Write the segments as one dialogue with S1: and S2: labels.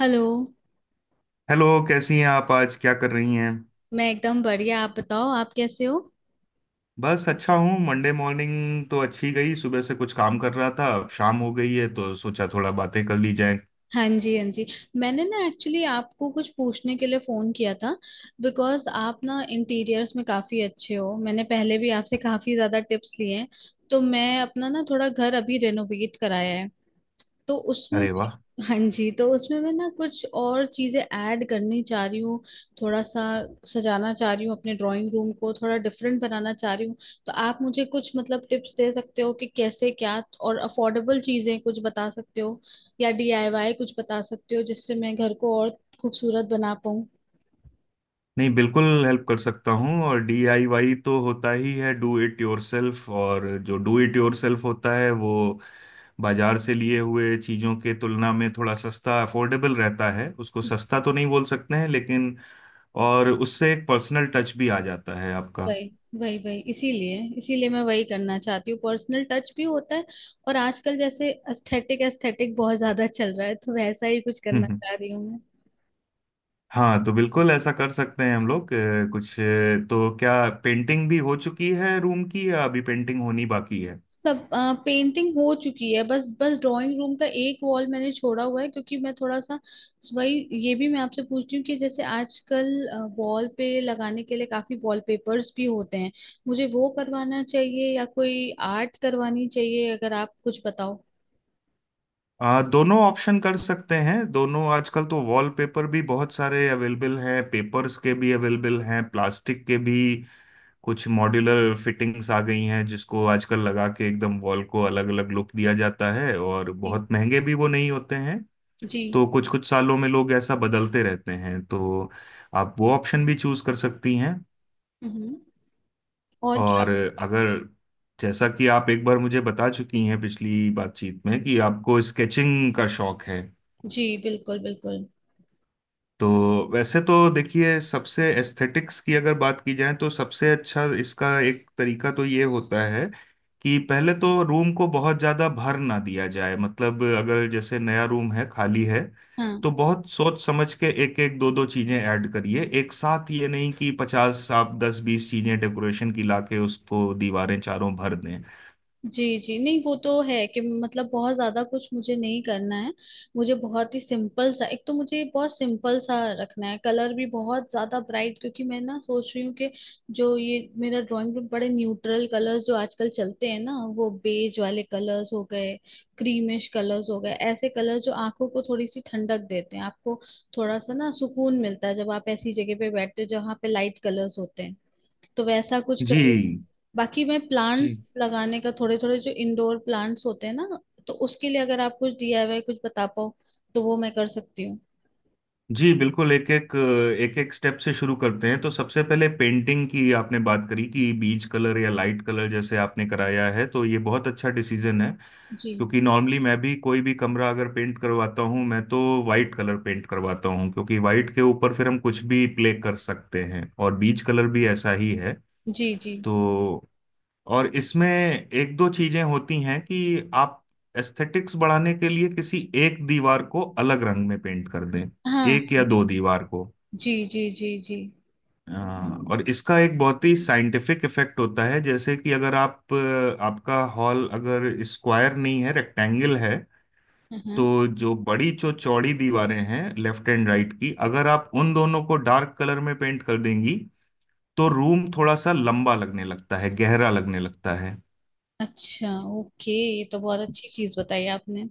S1: Hello.
S2: Hello. कैसी हैं आप? आज क्या कर रही हैं?
S1: मैं एकदम बढ़िया। आप बताओ आप कैसे हो।
S2: बस अच्छा हूँ। मंडे मॉर्निंग तो अच्छी गई, सुबह से कुछ काम कर रहा था, अब शाम हो गई है तो सोचा थोड़ा बातें कर ली जाए।
S1: हाँ जी हाँ जी। मैंने एक्चुअली आपको कुछ पूछने के लिए फ़ोन किया था। बिकॉज़ आप इंटीरियर्स में काफ़ी अच्छे हो। मैंने पहले भी आपसे काफ़ी ज़्यादा टिप्स लिए हैं। तो मैं अपना थोड़ा घर अभी रेनोवेट कराया है। तो उसमें
S2: अरे वाह!
S1: मैं, हाँ जी, तो उसमें मैं कुछ और चीजें ऐड करनी चाह रही हूँ। थोड़ा सा सजाना चाह रही हूँ अपने ड्राइंग रूम को, थोड़ा डिफरेंट बनाना चाह रही हूँ। तो आप मुझे कुछ मतलब टिप्स दे सकते हो कि कैसे क्या, और अफोर्डेबल चीजें कुछ बता सकते हो, या डीआईवाई कुछ बता सकते हो जिससे मैं घर को और खूबसूरत बना पाऊँ।
S2: नहीं, बिल्कुल हेल्प कर सकता हूँ। और डीआईवाई तो होता ही है, डू इट योरसेल्फ। और जो डू इट योरसेल्फ होता है वो बाजार से लिए हुए चीज़ों के तुलना में थोड़ा सस्ता, अफोर्डेबल रहता है। उसको सस्ता तो नहीं बोल सकते हैं, लेकिन और उससे एक पर्सनल टच भी आ जाता है आपका।
S1: वही वही वही, इसीलिए इसीलिए मैं वही करना चाहती हूँ, पर्सनल टच भी होता है। और आजकल जैसे एस्थेटिक एस्थेटिक बहुत ज्यादा चल रहा है तो वैसा ही कुछ करना चाह रही हूँ।
S2: हाँ, तो बिल्कुल ऐसा कर सकते हैं हम लोग। कुछ तो क्या पेंटिंग भी हो चुकी है रूम की, या अभी पेंटिंग होनी बाकी है?
S1: सब पेंटिंग हो चुकी है, बस बस ड्राइंग रूम का एक वॉल मैंने छोड़ा हुआ है क्योंकि मैं थोड़ा सा, वही, ये भी मैं आपसे पूछ रही हूँ कि जैसे आजकल वॉल पे लगाने के लिए काफी वॉलपेपर्स भी होते हैं, मुझे वो करवाना चाहिए या कोई आर्ट करवानी चाहिए, अगर आप कुछ बताओ।
S2: दोनों ऑप्शन कर सकते हैं दोनों। आजकल तो वॉलपेपर भी बहुत सारे अवेलेबल हैं, पेपर्स के भी अवेलेबल हैं, प्लास्टिक के भी। कुछ मॉड्यूलर फिटिंग्स आ गई हैं जिसको आजकल लगा के एकदम वॉल को अलग अलग लुक दिया जाता है, और
S1: जी
S2: बहुत महंगे भी वो नहीं होते हैं।
S1: जी।
S2: तो कुछ कुछ सालों में लोग ऐसा बदलते रहते हैं, तो आप वो ऑप्शन भी चूज कर सकती हैं।
S1: हम्म। और क्या।
S2: और अगर, जैसा कि आप एक बार मुझे बता चुकी हैं पिछली बातचीत में, कि आपको स्केचिंग का शौक है,
S1: जी बिल्कुल बिल्कुल।
S2: तो वैसे तो देखिए, सबसे एस्थेटिक्स की अगर बात की जाए तो सबसे अच्छा इसका एक तरीका तो ये होता है कि पहले तो रूम को बहुत ज़्यादा भर ना दिया जाए। मतलब अगर जैसे नया रूम है, खाली है,
S1: हाँ
S2: तो बहुत सोच समझ के एक एक दो दो चीज़ें ऐड करिए एक साथ। ये नहीं कि 50, आप दस बीस चीज़ें डेकोरेशन की लाके उसको दीवारें चारों भर दें।
S1: जी जी, नहीं वो तो है कि मतलब बहुत ज्यादा कुछ मुझे नहीं करना है। मुझे बहुत ही सिंपल सा, एक तो मुझे बहुत सिंपल सा रखना है। कलर भी बहुत ज्यादा ब्राइट, क्योंकि मैं सोच रही हूँ कि जो ये मेरा ड्राइंग रूम, बड़े न्यूट्रल कलर्स जो आजकल चलते हैं ना, वो बेज वाले कलर्स हो गए, क्रीमिश कलर्स हो गए, ऐसे कलर जो आंखों को थोड़ी सी ठंडक देते हैं आपको। थोड़ा सा सुकून मिलता है जब आप ऐसी जगह पे बैठते हो जहाँ पे लाइट कलर्स होते हैं। तो वैसा कुछ कर रही हूँ।
S2: जी।
S1: बाकी मैं
S2: जी।
S1: प्लांट्स लगाने का, थोड़े थोड़े जो इंडोर प्लांट्स होते हैं ना, तो उसके लिए अगर आप कुछ डीआईवाई कुछ बता पाओ तो वो मैं कर सकती हूँ।
S2: जी बिल्कुल, एक एक स्टेप से शुरू करते हैं। तो सबसे पहले पेंटिंग की आपने बात करी कि बीज कलर या लाइट कलर जैसे आपने कराया है तो ये बहुत अच्छा डिसीजन है।
S1: जी
S2: क्योंकि नॉर्मली मैं भी कोई भी कमरा अगर पेंट करवाता हूँ, मैं तो वाइट कलर पेंट करवाता हूँ, क्योंकि वाइट के ऊपर फिर हम कुछ भी प्ले कर सकते हैं। और बीज कलर भी ऐसा ही है।
S1: जी जी।
S2: तो और इसमें एक दो चीजें होती हैं कि आप एस्थेटिक्स बढ़ाने के लिए किसी एक दीवार को अलग रंग में पेंट कर दें,
S1: हाँ
S2: एक या दो दीवार को।
S1: जी जी जी जी।
S2: अ, और इसका एक बहुत ही साइंटिफिक इफेक्ट होता है। जैसे कि अगर आप, आपका हॉल अगर स्क्वायर नहीं है, रेक्टेंगल है,
S1: हाँ।
S2: तो जो बड़ी, जो चौड़ी दीवारें हैं लेफ्ट एंड राइट की, अगर आप उन दोनों को डार्क कलर में पेंट कर देंगी, तो रूम थोड़ा सा लंबा लगने लगता है, गहरा लगने लगता है।
S1: अच्छा ओके, ये तो बहुत अच्छी चीज बताई आपने।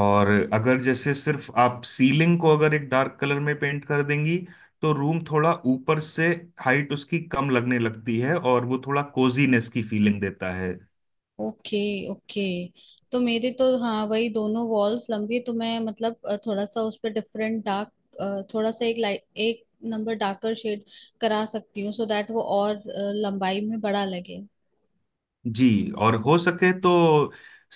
S2: और अगर जैसे सिर्फ आप सीलिंग को अगर एक डार्क कलर में पेंट कर देंगी, तो रूम थोड़ा ऊपर से हाइट उसकी कम लगने लगती है, और वो थोड़ा कोजीनेस की फीलिंग देता है।
S1: ओके ओके, तो मेरे तो हाँ वही दोनों वॉल्स लंबी है, तो मैं मतलब थोड़ा सा उस पर डिफरेंट डार्क, थोड़ा सा एक लाइट, एक नंबर डार्कर शेड करा सकती हूँ, सो दैट वो और लंबाई में बड़ा लगे।
S2: जी। और हो सके तो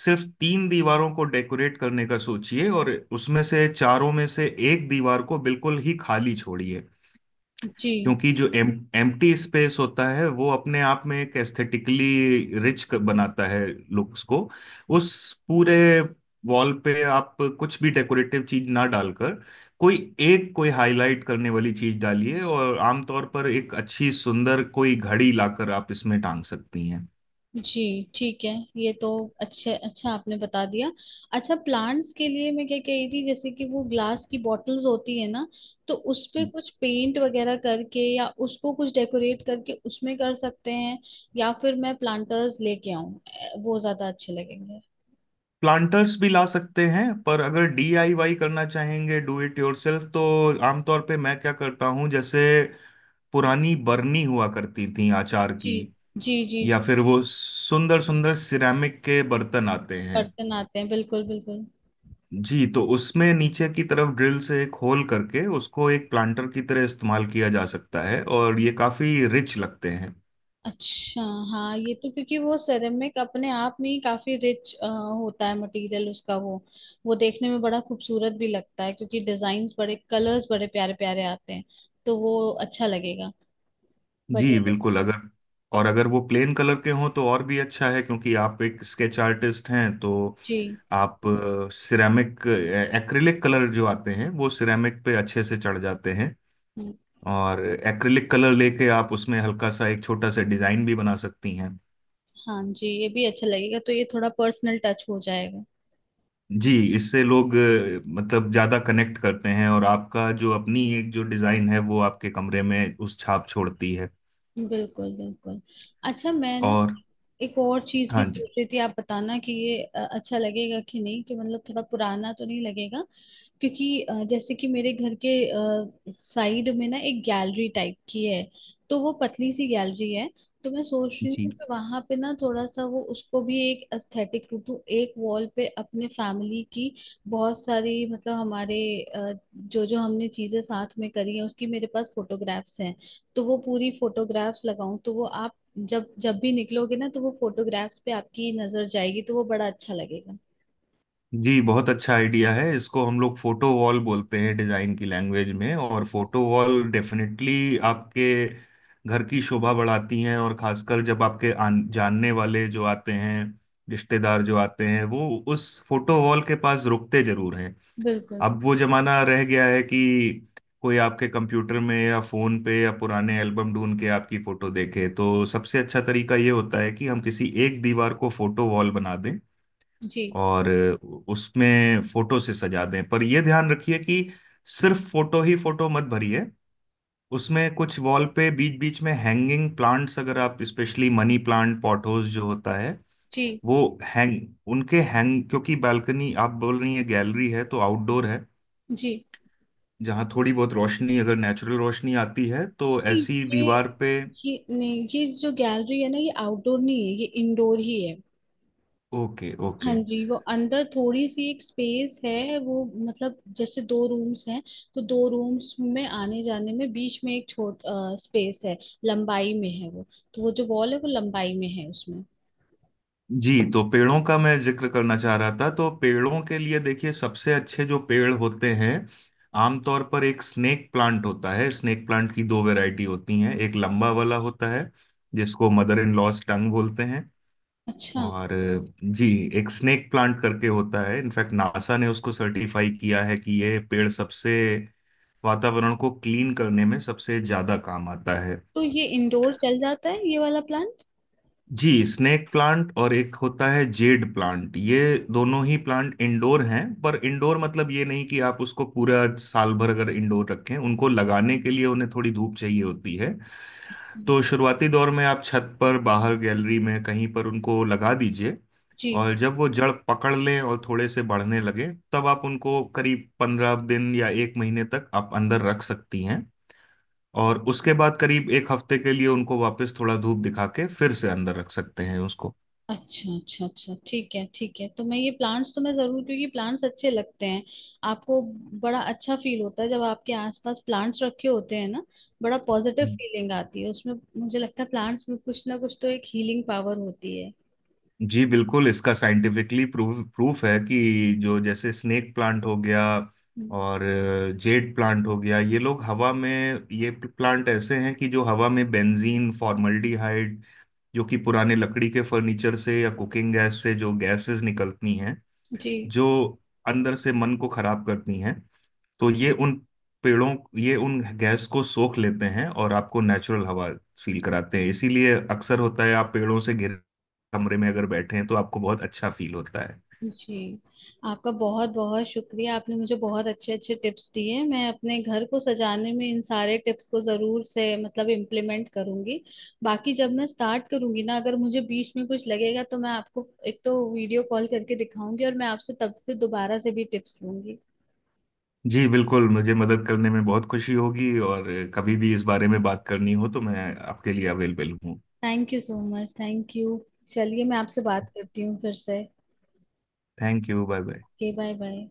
S2: सिर्फ तीन दीवारों को डेकोरेट करने का सोचिए, और उसमें से चारों में से एक दीवार को बिल्कुल ही खाली छोड़िए।
S1: जी
S2: क्योंकि जो एम एम्प्टी स्पेस होता है वो अपने आप में एक एस्थेटिकली रिच बनाता है लुक्स को। उस पूरे वॉल पे आप कुछ भी डेकोरेटिव चीज ना डालकर कोई, एक कोई हाईलाइट करने वाली चीज डालिए। और आमतौर पर एक अच्छी सुंदर कोई घड़ी लाकर आप इसमें टांग सकती हैं।
S1: जी, ठीक है, ये तो अच्छे अच्छा आपने बता दिया। अच्छा, प्लांट्स के लिए मैं क्या कह रही थी, जैसे कि वो ग्लास की बॉटल्स होती है ना, तो उस पे कुछ पेंट वगैरह करके या उसको कुछ डेकोरेट करके उसमें कर सकते हैं, या फिर मैं प्लांटर्स लेके आऊं, वो ज्यादा अच्छे लगेंगे।
S2: प्लांटर्स भी ला सकते हैं, पर अगर डीआईवाई करना चाहेंगे डू इट योरसेल्फ, तो आमतौर पे मैं क्या करता हूँ, जैसे पुरानी बरनी हुआ करती थी आचार
S1: जी
S2: की,
S1: जी जी
S2: या
S1: जी,
S2: फिर वो सुंदर सुंदर सिरेमिक के बर्तन आते हैं।
S1: बर्तन आते हैं बिल्कुल बिल्कुल।
S2: जी, तो उसमें नीचे की तरफ ड्रिल से एक होल करके उसको एक प्लांटर की तरह इस्तेमाल किया जा सकता है, और ये काफी रिच लगते हैं।
S1: अच्छा, हाँ ये तो क्योंकि वो सेरेमिक अपने आप में ही काफी रिच होता है, मटेरियल उसका, वो देखने में बड़ा खूबसूरत भी लगता है क्योंकि डिजाइन्स बड़े, कलर्स बड़े प्यारे प्यारे आते हैं, तो वो अच्छा लगेगा, बढ़िया
S2: जी
S1: लगेगा।
S2: बिल्कुल। अगर, और अगर वो प्लेन कलर के हों तो और भी अच्छा है, क्योंकि आप एक स्केच आर्टिस्ट हैं तो
S1: जी।
S2: आप सिरेमिक, एक्रिलिक कलर जो आते हैं वो सिरेमिक पे अच्छे से चढ़ जाते हैं।
S1: हम्म,
S2: और एक्रिलिक कलर लेके आप उसमें हल्का सा एक छोटा सा डिजाइन भी बना सकती हैं।
S1: हाँ जी, ये भी अच्छा लगेगा, तो ये थोड़ा पर्सनल टच हो जाएगा।
S2: जी, इससे लोग मतलब ज्यादा कनेक्ट करते हैं, और आपका जो अपनी एक जो डिजाइन है वो आपके कमरे में उस छाप छोड़ती है।
S1: बिल्कुल बिल्कुल। अच्छा मैं
S2: और
S1: एक और चीज भी
S2: हाँ जी।
S1: सोच रही थी, आप बताना कि ये अच्छा लगेगा कि नहीं, कि मतलब थोड़ा पुराना तो नहीं लगेगा। क्योंकि जैसे कि मेरे घर के साइड में एक गैलरी टाइप की है, तो वो पतली सी गैलरी है, तो मैं सोच रही
S2: जी।
S1: हूँ कि वहां पे थोड़ा सा वो उसको भी एक एस्थेटिक रूप दूं, एक वॉल पे अपने फैमिली की बहुत सारी, मतलब हमारे जो जो हमने चीजें साथ में करी है उसकी मेरे पास फोटोग्राफ्स हैं, तो वो पूरी फोटोग्राफ्स लगाऊं तो वो आप जब जब भी निकलोगे ना तो वो फोटोग्राफ्स पे आपकी नजर जाएगी, तो वो बड़ा अच्छा लगेगा।
S2: जी, बहुत अच्छा आइडिया है। इसको हम लोग फोटो वॉल बोलते हैं डिजाइन की लैंग्वेज में। और फोटो वॉल डेफिनेटली आपके घर की शोभा बढ़ाती हैं, और खासकर जब आपके जानने वाले जो आते हैं, रिश्तेदार जो आते हैं, वो उस फोटो वॉल के पास रुकते जरूर।
S1: बिल्कुल।
S2: अब वो जमाना रह गया है कि कोई आपके कंप्यूटर में या फोन पे या पुराने एल्बम ढूंढ के आपकी फोटो देखे। तो सबसे अच्छा तरीका ये होता है कि हम किसी एक दीवार को फोटो वॉल बना दें,
S1: जी
S2: और उसमें फोटो से सजा दें। पर यह ध्यान रखिए कि सिर्फ फोटो ही फोटो मत भरिए। उसमें कुछ वॉल पे बीच बीच में हैंगिंग प्लांट्स, अगर आप स्पेशली मनी प्लांट, पॉटोज जो होता है
S1: जी
S2: वो हैंग उनके हैंग, क्योंकि बालकनी आप बोल रही हैं, गैलरी है तो आउटडोर है,
S1: जी,
S2: जहाँ थोड़ी बहुत रोशनी अगर नेचुरल रोशनी आती है तो ऐसी
S1: ये
S2: दीवार पे।
S1: ये नहीं, ये जो गैलरी है ना ये आउटडोर नहीं है, ये इंडोर ही है।
S2: ओके,
S1: हाँ
S2: ओके।
S1: जी वो अंदर थोड़ी सी एक स्पेस है, वो मतलब जैसे दो रूम्स हैं, तो दो रूम्स में आने जाने में बीच में एक छोट स्पेस है, लंबाई में है वो, तो वो जो वॉल है वो लंबाई में है उसमें।
S2: जी, तो पेड़ों का मैं जिक्र करना चाह रहा था, तो पेड़ों के लिए देखिए, सबसे अच्छे जो पेड़ होते हैं आमतौर पर एक स्नेक प्लांट होता है। स्नेक प्लांट की दो वैरायटी होती हैं, एक लंबा वाला होता है जिसको मदर इन लॉस टंग बोलते हैं।
S1: अच्छा,
S2: और जी, एक स्नेक प्लांट करके होता है, इनफैक्ट नासा ने उसको सर्टिफाई किया है कि यह पेड़ सबसे वातावरण को क्लीन करने में सबसे ज्यादा काम आता है।
S1: तो ये इंडोर चल जाता है ये वाला प्लान।
S2: जी। स्नेक प्लांट, और एक होता है जेड प्लांट। ये दोनों ही प्लांट इंडोर हैं, पर इंडोर मतलब ये नहीं कि आप उसको पूरा साल भर अगर इंडोर रखें। उनको लगाने के लिए उन्हें थोड़ी धूप चाहिए होती है, तो शुरुआती दौर में आप छत पर बाहर गैलरी में कहीं पर उनको लगा दीजिए।
S1: जी।
S2: और जब वो जड़ पकड़ लें और थोड़े से बढ़ने लगे, तब आप उनको करीब 15 दिन या एक महीने तक आप अंदर रख सकती हैं। और उसके बाद करीब एक हफ्ते के लिए उनको वापस थोड़ा धूप दिखा के फिर से अंदर रख सकते हैं उसको।
S1: अच्छा अच्छा अच्छा, ठीक है ठीक है, तो मैं ये प्लांट्स तो मैं जरूर, क्योंकि प्लांट्स अच्छे लगते हैं आपको, बड़ा अच्छा फील होता है जब आपके आसपास प्लांट्स रखे होते हैं ना, बड़ा पॉजिटिव फीलिंग आती है उसमें। मुझे लगता है प्लांट्स में कुछ ना कुछ तो एक हीलिंग पावर होती है।
S2: जी बिल्कुल, इसका साइंटिफिकली प्रूफ प्रूफ है कि जो, जैसे स्नेक प्लांट हो गया,
S1: हम्म,
S2: और जेड प्लांट हो गया, ये लोग हवा में, ये प्लांट ऐसे हैं कि जो हवा में बेंजीन, फॉर्मल्डिहाइड, जो कि पुराने लकड़ी के फर्नीचर से या कुकिंग गैस से जो गैसेस निकलती हैं,
S1: जी
S2: जो अंदर से मन को खराब करती हैं, तो ये उन पेड़ों, ये उन गैस को सोख लेते हैं और आपको नेचुरल हवा फील कराते हैं। इसीलिए अक्सर होता है आप पेड़ों से घिरे कमरे में अगर बैठे हैं तो आपको बहुत अच्छा फील होता है।
S1: जी। आपका बहुत बहुत शुक्रिया, आपने मुझे बहुत अच्छे अच्छे टिप्स दिए, मैं अपने घर को सजाने में इन सारे टिप्स को जरूर से मतलब इम्प्लीमेंट करूंगी। बाकी जब मैं स्टार्ट करूंगी ना, अगर मुझे बीच में कुछ लगेगा तो मैं आपको एक तो वीडियो कॉल करके दिखाऊंगी और मैं आपसे तब फिर दोबारा से भी टिप्स लूंगी।
S2: जी बिल्कुल, मुझे मदद करने में बहुत खुशी होगी, और कभी भी इस बारे में बात करनी हो तो मैं आपके लिए अवेलेबल हूँ।
S1: Thank you so much, thank you. चलिए मैं आपसे बात करती हूँ फिर से।
S2: Thank you, bye bye.
S1: Okay, bye bye.